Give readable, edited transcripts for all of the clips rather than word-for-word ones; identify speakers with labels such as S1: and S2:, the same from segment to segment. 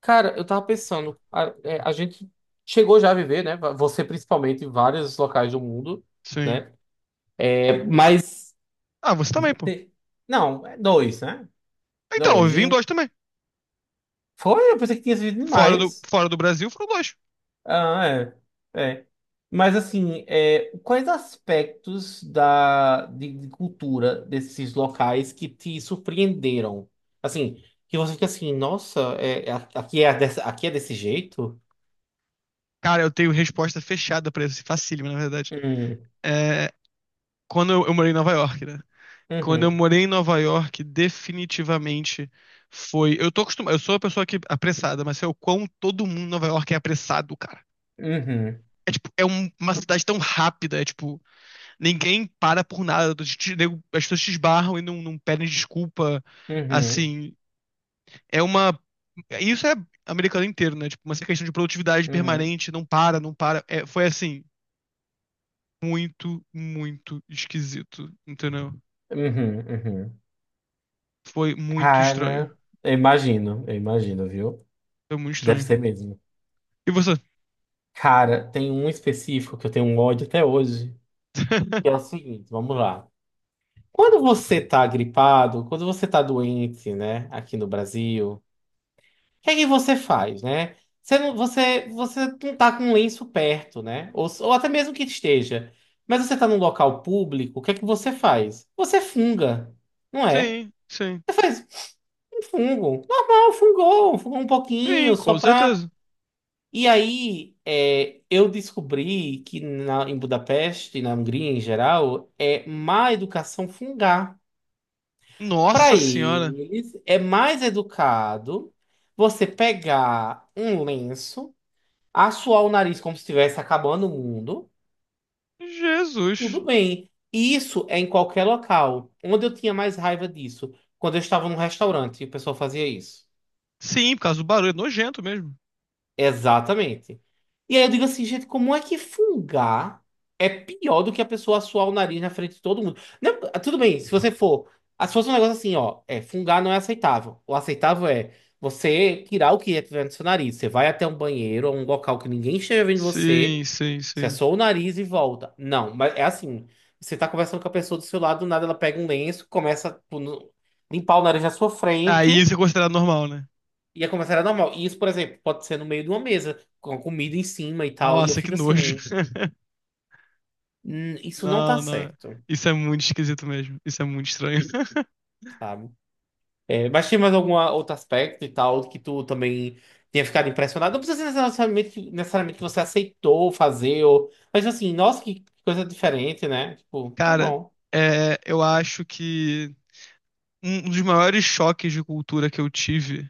S1: Cara, eu tava pensando, a gente chegou já a viver, né? Você principalmente em vários locais do mundo,
S2: Sim.
S1: né? É, mas.
S2: Ah, você também, pô.
S1: te- Não, é dois, né?
S2: Então, eu
S1: Dois.
S2: vim
S1: E
S2: em
S1: um.
S2: dois também.
S1: Foi, eu pensei que tinha vivido
S2: Fora do,
S1: demais.
S2: fora do Brasil, foram dois.
S1: Ah, é. É. Mas assim, é, quais aspectos de cultura desses locais que te surpreenderam? Assim, que você fica assim, nossa, aqui é, aqui é desse jeito?
S2: Cara, eu tenho resposta fechada pra isso. Facílimo, na verdade.
S1: Hum,
S2: É, quando eu morei em Nova York, né? Quando eu
S1: uhum,
S2: morei em Nova York, definitivamente foi. Eu tô acostumado. Eu sou uma pessoa que é apressada, mas sei o quão todo mundo em Nova York é apressado, cara.
S1: uhum.
S2: É tipo, uma cidade tão rápida, é tipo, ninguém para por nada. As pessoas te esbarram e não pedem desculpa.
S1: Uhum,
S2: Assim, é uma. Isso é americano inteiro, né? Tipo, uma questão de produtividade
S1: uhum,
S2: permanente, não para, não para. É, foi assim, muito, muito esquisito, entendeu?
S1: uhum, uhum.
S2: Foi muito estranho.
S1: Cara, eu imagino, viu?
S2: Foi muito
S1: Deve
S2: estranho.
S1: ser mesmo.
S2: E você?
S1: Cara, tem um específico que eu tenho um ódio até hoje, que é o seguinte, vamos lá. Quando você tá gripado, quando você tá doente, né, aqui no Brasil, o que é que você faz, né? Você não tá com um lenço perto, né? Ou até mesmo que esteja. Mas você tá num local público, o que é que você faz? Você funga, não é?
S2: Sim, sim.
S1: Fungo. Normal, fungou, fungou um
S2: Sim,
S1: pouquinho, só
S2: com
S1: pra.
S2: certeza.
S1: E aí, é, eu descobri que em Budapeste, na Hungria em geral, é má educação fungar. Para
S2: Nossa senhora.
S1: eles, é mais educado você pegar um lenço, assoar o nariz como se estivesse acabando o mundo,
S2: Jesus.
S1: tudo bem. E isso é em qualquer local. Onde eu tinha mais raiva disso? Quando eu estava num restaurante e o pessoal fazia isso.
S2: Sim, por causa do barulho, é nojento mesmo.
S1: Exatamente. E aí eu digo assim, gente, como é que fungar é pior do que a pessoa suar o nariz na frente de todo mundo? Não, tudo bem, se você for. Se fosse um negócio assim, ó, é, fungar não é aceitável. O aceitável é você tirar o que é tiver no seu nariz. Você vai até um banheiro ou um local que ninguém esteja vendo você,
S2: Sim, sim,
S1: você é
S2: sim.
S1: só o nariz e volta. Não, mas é assim. Você tá conversando com a pessoa do seu lado, do nada ela pega um lenço, começa a tipo, limpar o nariz na sua
S2: Aí
S1: frente.
S2: isso é considerado normal, né?
S1: Ia começar era normal. E isso, por exemplo, pode ser no meio de uma mesa, com a comida em cima e tal. E eu
S2: Nossa, que
S1: fico
S2: nojo.
S1: assim, Isso não tá
S2: Não, não.
S1: certo",
S2: Isso é muito esquisito mesmo. Isso é muito estranho.
S1: sabe? É, mas tinha mais algum outro aspecto e tal que tu também tenha ficado impressionado? Não precisa ser necessariamente, necessariamente que você aceitou fazer, ou... mas assim, nossa, que coisa diferente, né? Tipo, tá
S2: Cara,
S1: bom.
S2: eu acho que um dos maiores choques de cultura que eu tive.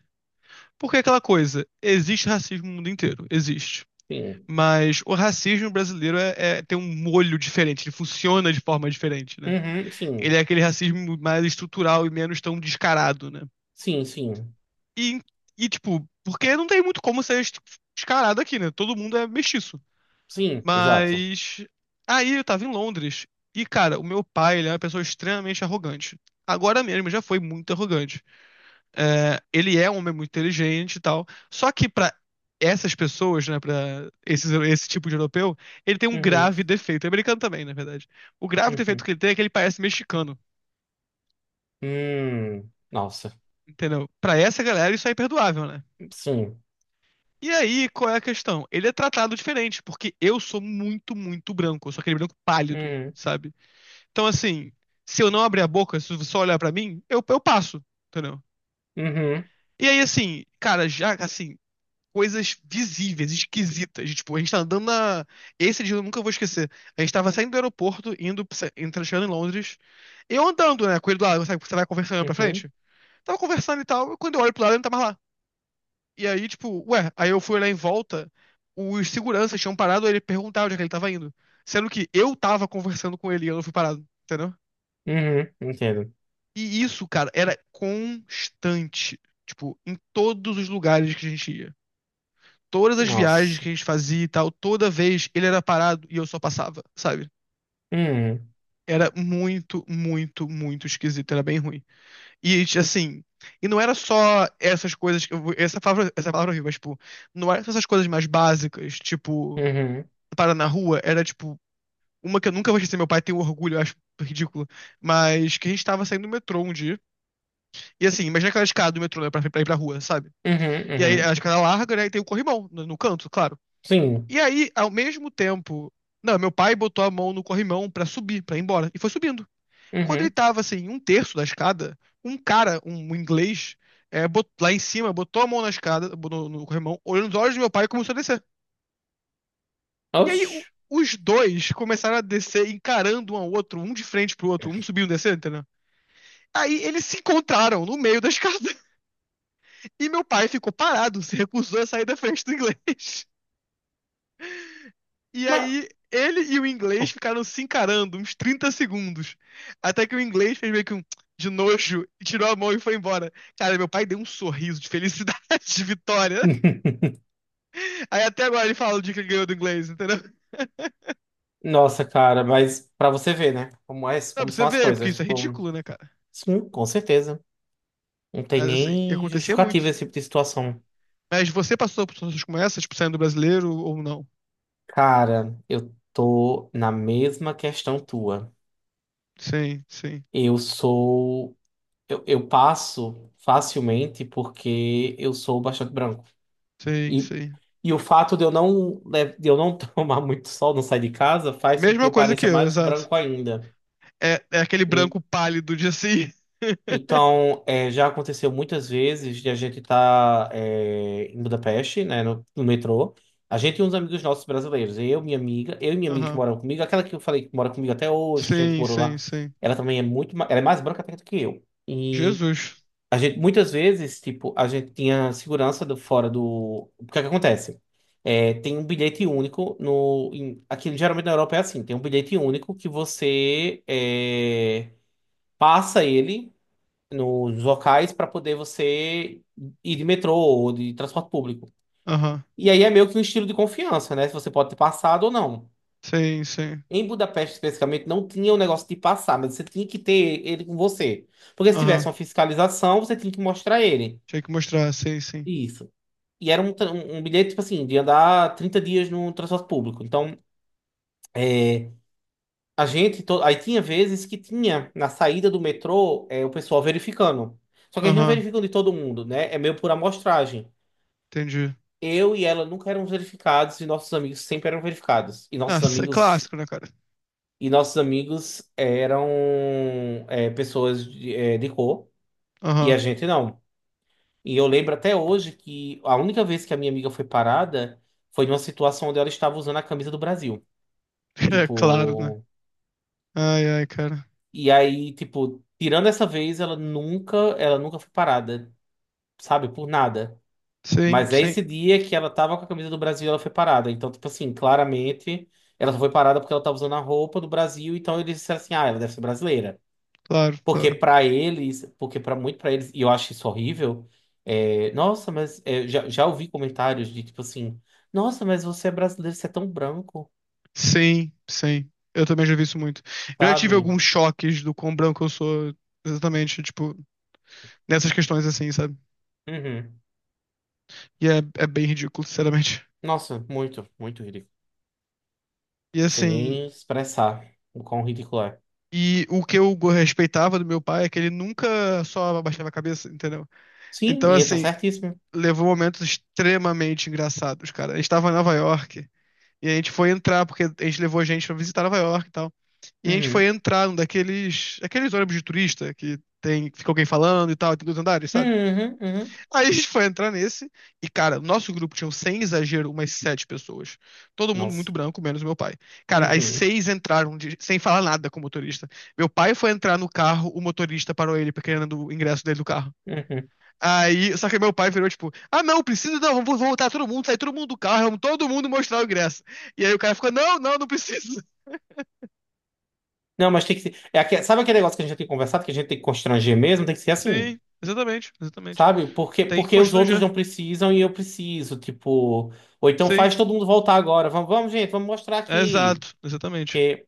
S2: Porque é aquela coisa, existe racismo no mundo inteiro, existe.
S1: Sim.
S2: Mas o racismo brasileiro tem um molho diferente, ele funciona de forma diferente, né?
S1: Uhum,
S2: Ele
S1: sim.
S2: é aquele racismo mais estrutural e menos tão descarado, né?
S1: Sim, sim.
S2: E, e tipo, porque não tem muito como descarado aqui, né? Todo mundo é mestiço.
S1: Sim, exato.
S2: Mas aí eu tava em Londres e, cara, o meu pai, ele é uma pessoa extremamente arrogante. Agora mesmo já foi muito arrogante. É, ele é um homem muito inteligente e tal. Só que pra essas pessoas, né, esse tipo de europeu, ele tem um
S1: Uhum,
S2: grave defeito. É americano também, na verdade. O grave defeito
S1: uhum.
S2: que ele tem é que ele parece mexicano,
S1: Nossa.
S2: entendeu? Pra essa galera isso é imperdoável, né?
S1: Sim.
S2: E aí, qual é a questão? Ele é tratado diferente, porque eu sou muito, muito branco. Eu sou aquele branco pálido,
S1: Uhum,
S2: sabe? Então, assim, se eu não abrir a boca, se você só olhar pra mim, eu passo, entendeu?
S1: uhum,
S2: E aí, assim, cara, já, assim, coisas visíveis, esquisitas. Tipo, a gente tá andando na. Esse dia eu nunca vou esquecer. A gente tava saindo do aeroporto, chegando em Londres. Eu andando, né, com ele do lado, sabe, você vai conversando olhando pra
S1: uhum.
S2: frente? Tava conversando e tal, e quando eu olho pro lado, ele não tá mais lá. E aí, tipo, ué, aí eu fui olhar em volta, os seguranças tinham parado, ele perguntava onde é que ele tava indo. Sendo que eu tava conversando com ele e eu não fui parado, entendeu?
S1: Uhum, entendo.
S2: E isso, cara, era constante. Tipo, em todos os lugares que a gente ia. Todas as viagens
S1: Nossa.
S2: que a gente fazia e tal, toda vez ele era parado e eu só passava, sabe?
S1: Hum,
S2: Era muito, muito, muito esquisito, era bem ruim. E assim, e não era só essas coisas, essa palavra é horrível, mas tipo, não era só essas coisas mais básicas, tipo,
S1: uhum,
S2: parar na rua, era tipo, uma que eu nunca vou esquecer. Meu pai tem um orgulho, eu acho ridículo, mas que a gente tava saindo do metrô um dia, e assim, imagina aquela escada do metrô, né, pra ir pra rua, sabe?
S1: uhum,
S2: E aí a
S1: uhum.
S2: escada larga, né? E tem o corrimão no canto, claro.
S1: Sim.
S2: E aí, ao mesmo tempo. Não, meu pai botou a mão no corrimão pra subir, pra ir embora. E foi subindo. Quando ele
S1: Uhum.
S2: tava assim, um terço da escada, um cara, um inglês, lá em cima, botou a mão na escada, no corrimão, olhou nos olhos do meu pai e começou a descer. E aí o-
S1: Oxi.
S2: os dois começaram a descer, encarando um ao outro, um de frente pro outro, um subindo e descendo, entendeu? Aí eles se encontraram no meio da escada. E meu pai ficou parado, se recusou a sair da frente do inglês. E
S1: Mas...
S2: aí, ele e o inglês ficaram se encarando uns 30 segundos. Até que o inglês fez meio que um de nojo, e tirou a mão e foi embora. Cara, meu pai deu um sorriso de felicidade, de vitória. Aí até agora ele fala o dia que ele ganhou do inglês, entendeu?
S1: Nossa, cara, mas pra você ver, né? Como é,
S2: Não,
S1: como
S2: pra você
S1: são as
S2: ver, porque
S1: coisas.
S2: isso é
S1: Tipo,
S2: ridículo, né, cara?
S1: sim, com certeza. Não tem
S2: Mas, assim, e
S1: nem
S2: acontecia
S1: justificativa
S2: muito.
S1: esse tipo de situação.
S2: Mas você passou por situações como essa, tipo, saindo brasileiro ou não?
S1: Cara, eu tô na mesma questão tua.
S2: Sim, sim,
S1: Eu sou. Eu passo facilmente porque eu sou bastante branco.
S2: sim,
S1: E,
S2: sim.
S1: e o fato de eu não, le- de eu não tomar muito sol, não sair de casa, faz com que
S2: Mesma
S1: eu
S2: coisa que
S1: pareça
S2: eu,
S1: mais
S2: exato.
S1: branco ainda.
S2: É, é aquele
S1: E-
S2: branco pálido de assim.
S1: Então, é, já aconteceu muitas vezes de a gente estar em Budapeste, né, no metrô. A gente e uns amigos nossos brasileiros, eu e minha amiga que
S2: Aham.
S1: moram comigo, aquela que eu falei que mora comigo até hoje, que a gente
S2: Sim,
S1: morou
S2: sim,
S1: lá,
S2: sim.
S1: ela também é muito, ela é mais branca até do que eu.
S2: Jesus.
S1: A gente, muitas vezes, tipo, a gente tinha segurança do, fora do. O que é que acontece? É, tem um bilhete único no. Em, aqui geralmente na Europa é assim, tem um bilhete único que você é, passa ele nos locais para poder você ir de metrô ou de transporte público.
S2: Aham.
S1: E aí é meio que um estilo de confiança, né? Se você pode ter passado ou não.
S2: Sim, sim.
S1: Em Budapeste, especificamente, não tinha o negócio de passar, mas você tinha que ter ele com você. Porque se tivesse
S2: Aham.
S1: uma fiscalização, você tinha que mostrar ele.
S2: Tinha que mostrar, sim, sim.
S1: Isso. E era um, um bilhete, tipo assim, de andar 30 dias no transporte público. Então, é, a gente. Aí tinha vezes que tinha, na saída do metrô, é, o pessoal verificando. Só que eles não
S2: Aham.
S1: verificam de todo mundo, né? É meio por amostragem.
S2: Entendi.
S1: Eu e ela nunca eram verificados e nossos amigos sempre eram verificados. E
S2: Ah,
S1: nossos
S2: isso é
S1: amigos.
S2: clássico, né, cara?
S1: E nossos amigos eram é, pessoas de, é, de cor e a
S2: Aham.
S1: gente não. E eu lembro até hoje que a única vez que a minha amiga foi parada foi numa situação onde ela estava usando a camisa do Brasil.
S2: É claro, né?
S1: Tipo,
S2: Ai, ai, cara.
S1: e aí, tipo, tirando essa vez, ela nunca foi parada, sabe, por nada.
S2: Sim,
S1: Mas é
S2: sim.
S1: esse dia que ela tava com a camisa do Brasil, e ela foi parada. Então, tipo assim, claramente, ela só foi parada porque ela tava usando a roupa do Brasil, então eles disseram assim: "Ah, ela deve ser brasileira".
S2: Claro, claro.
S1: Porque pra muito pra eles, e eu acho isso horrível, é, nossa, mas é, já, já ouvi comentários de tipo assim: "Nossa, mas você é brasileiro, você é tão branco",
S2: Sim, sim. Eu também já vi isso muito. Eu já tive
S1: sabe?
S2: alguns choques do quão branco eu sou, exatamente, tipo, nessas questões assim, sabe?
S1: Uhum.
S2: E é, é bem ridículo, sinceramente.
S1: Nossa, muito, muito ridículo.
S2: E
S1: Sem
S2: assim,
S1: nem expressar o quão ridículo é.
S2: e o respeitava do meu pai é que ele nunca só abaixava a cabeça, entendeu?
S1: Sim,
S2: Então,
S1: e ele tá
S2: assim,
S1: certíssimo.
S2: levou momentos extremamente engraçados, cara. A gente tava em Nova York e a gente foi entrar, porque a gente levou gente pra visitar Nova York e tal. E a gente foi
S1: Uhum.
S2: entrar num daqueles, aqueles ônibus de turista que tem, fica alguém falando e tal, tem dois andares, sabe?
S1: Uhum, uhum.
S2: Aí a gente foi entrar nesse e, cara, nosso grupo tinha, sem exagero, umas 7 pessoas. Todo mundo muito
S1: Nossa.
S2: branco, menos meu pai. Cara, as
S1: Uhum,
S2: seis entraram de- sem falar nada com o motorista. Meu pai foi entrar no carro, o motorista parou ele, porque querendo o ingresso dele do carro.
S1: uhum.
S2: Aí, só que meu pai virou tipo, ah não, precisa não, vamos voltar todo mundo, sair todo mundo do carro, vamos todo mundo mostrar o ingresso. E aí o cara ficou, não, não, não precisa.
S1: Não, mas tem que ser. É aque- Sabe aquele negócio que a gente já tem conversado, que a gente tem que constranger mesmo? Tem que ser assim,
S2: Sim, exatamente, exatamente.
S1: sabe? Porque,
S2: Tem que
S1: porque os outros
S2: constranger.
S1: não precisam e eu preciso. Tipo, ou então
S2: Sim,
S1: faz todo mundo voltar agora. Vamos, vamos, gente, vamos mostrar aqui.
S2: exato, exatamente.
S1: Porque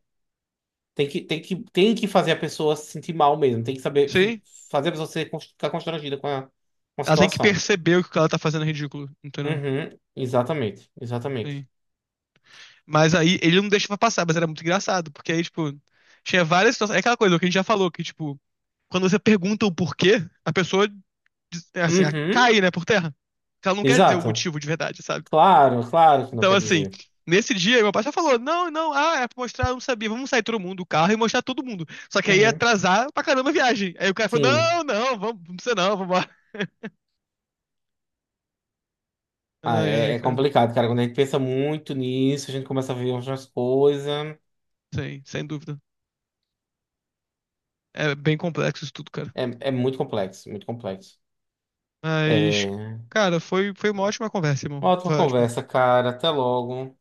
S1: tem que fazer a pessoa se sentir mal mesmo. Tem que saber
S2: Sim,
S1: fazer a pessoa ser, ficar constrangida com a
S2: ela tem que
S1: situação.
S2: perceber o que ela tá fazendo é ridículo, entendeu?
S1: Uhum, exatamente, exatamente.
S2: Sim. Mas aí ele não deixava passar, mas era muito engraçado, porque aí, tipo, tinha várias situações. É aquela coisa que a gente já falou, que, tipo, quando você pergunta o porquê, a pessoa, é assim, ela
S1: Uhum,
S2: cai, né, por terra. Porque ela não quer dizer o
S1: exato.
S2: motivo de verdade, sabe?
S1: Claro, claro que não
S2: Então,
S1: quer
S2: assim,
S1: dizer.
S2: nesse dia, meu pai só falou: não, não, ah, é pra mostrar, eu não sabia, vamos sair todo mundo do carro e mostrar todo mundo. Só que aí ia
S1: Uhum,
S2: atrasar pra caramba a viagem. Aí o cara falou:
S1: sim.
S2: não, não, vamos, não precisa não, vambora.
S1: Ah,
S2: Ai,
S1: é,
S2: ai,
S1: é
S2: cara,
S1: complicado, cara. Quando a gente pensa muito nisso, a gente começa a ver outras coisas.
S2: sim, sem dúvida. É bem complexo isso tudo, cara.
S1: É, é muito complexo, muito complexo.
S2: Mas,
S1: É...
S2: cara, foi, foi uma ótima conversa, irmão.
S1: Ótima
S2: Foi ótimo.
S1: conversa, cara. Até logo.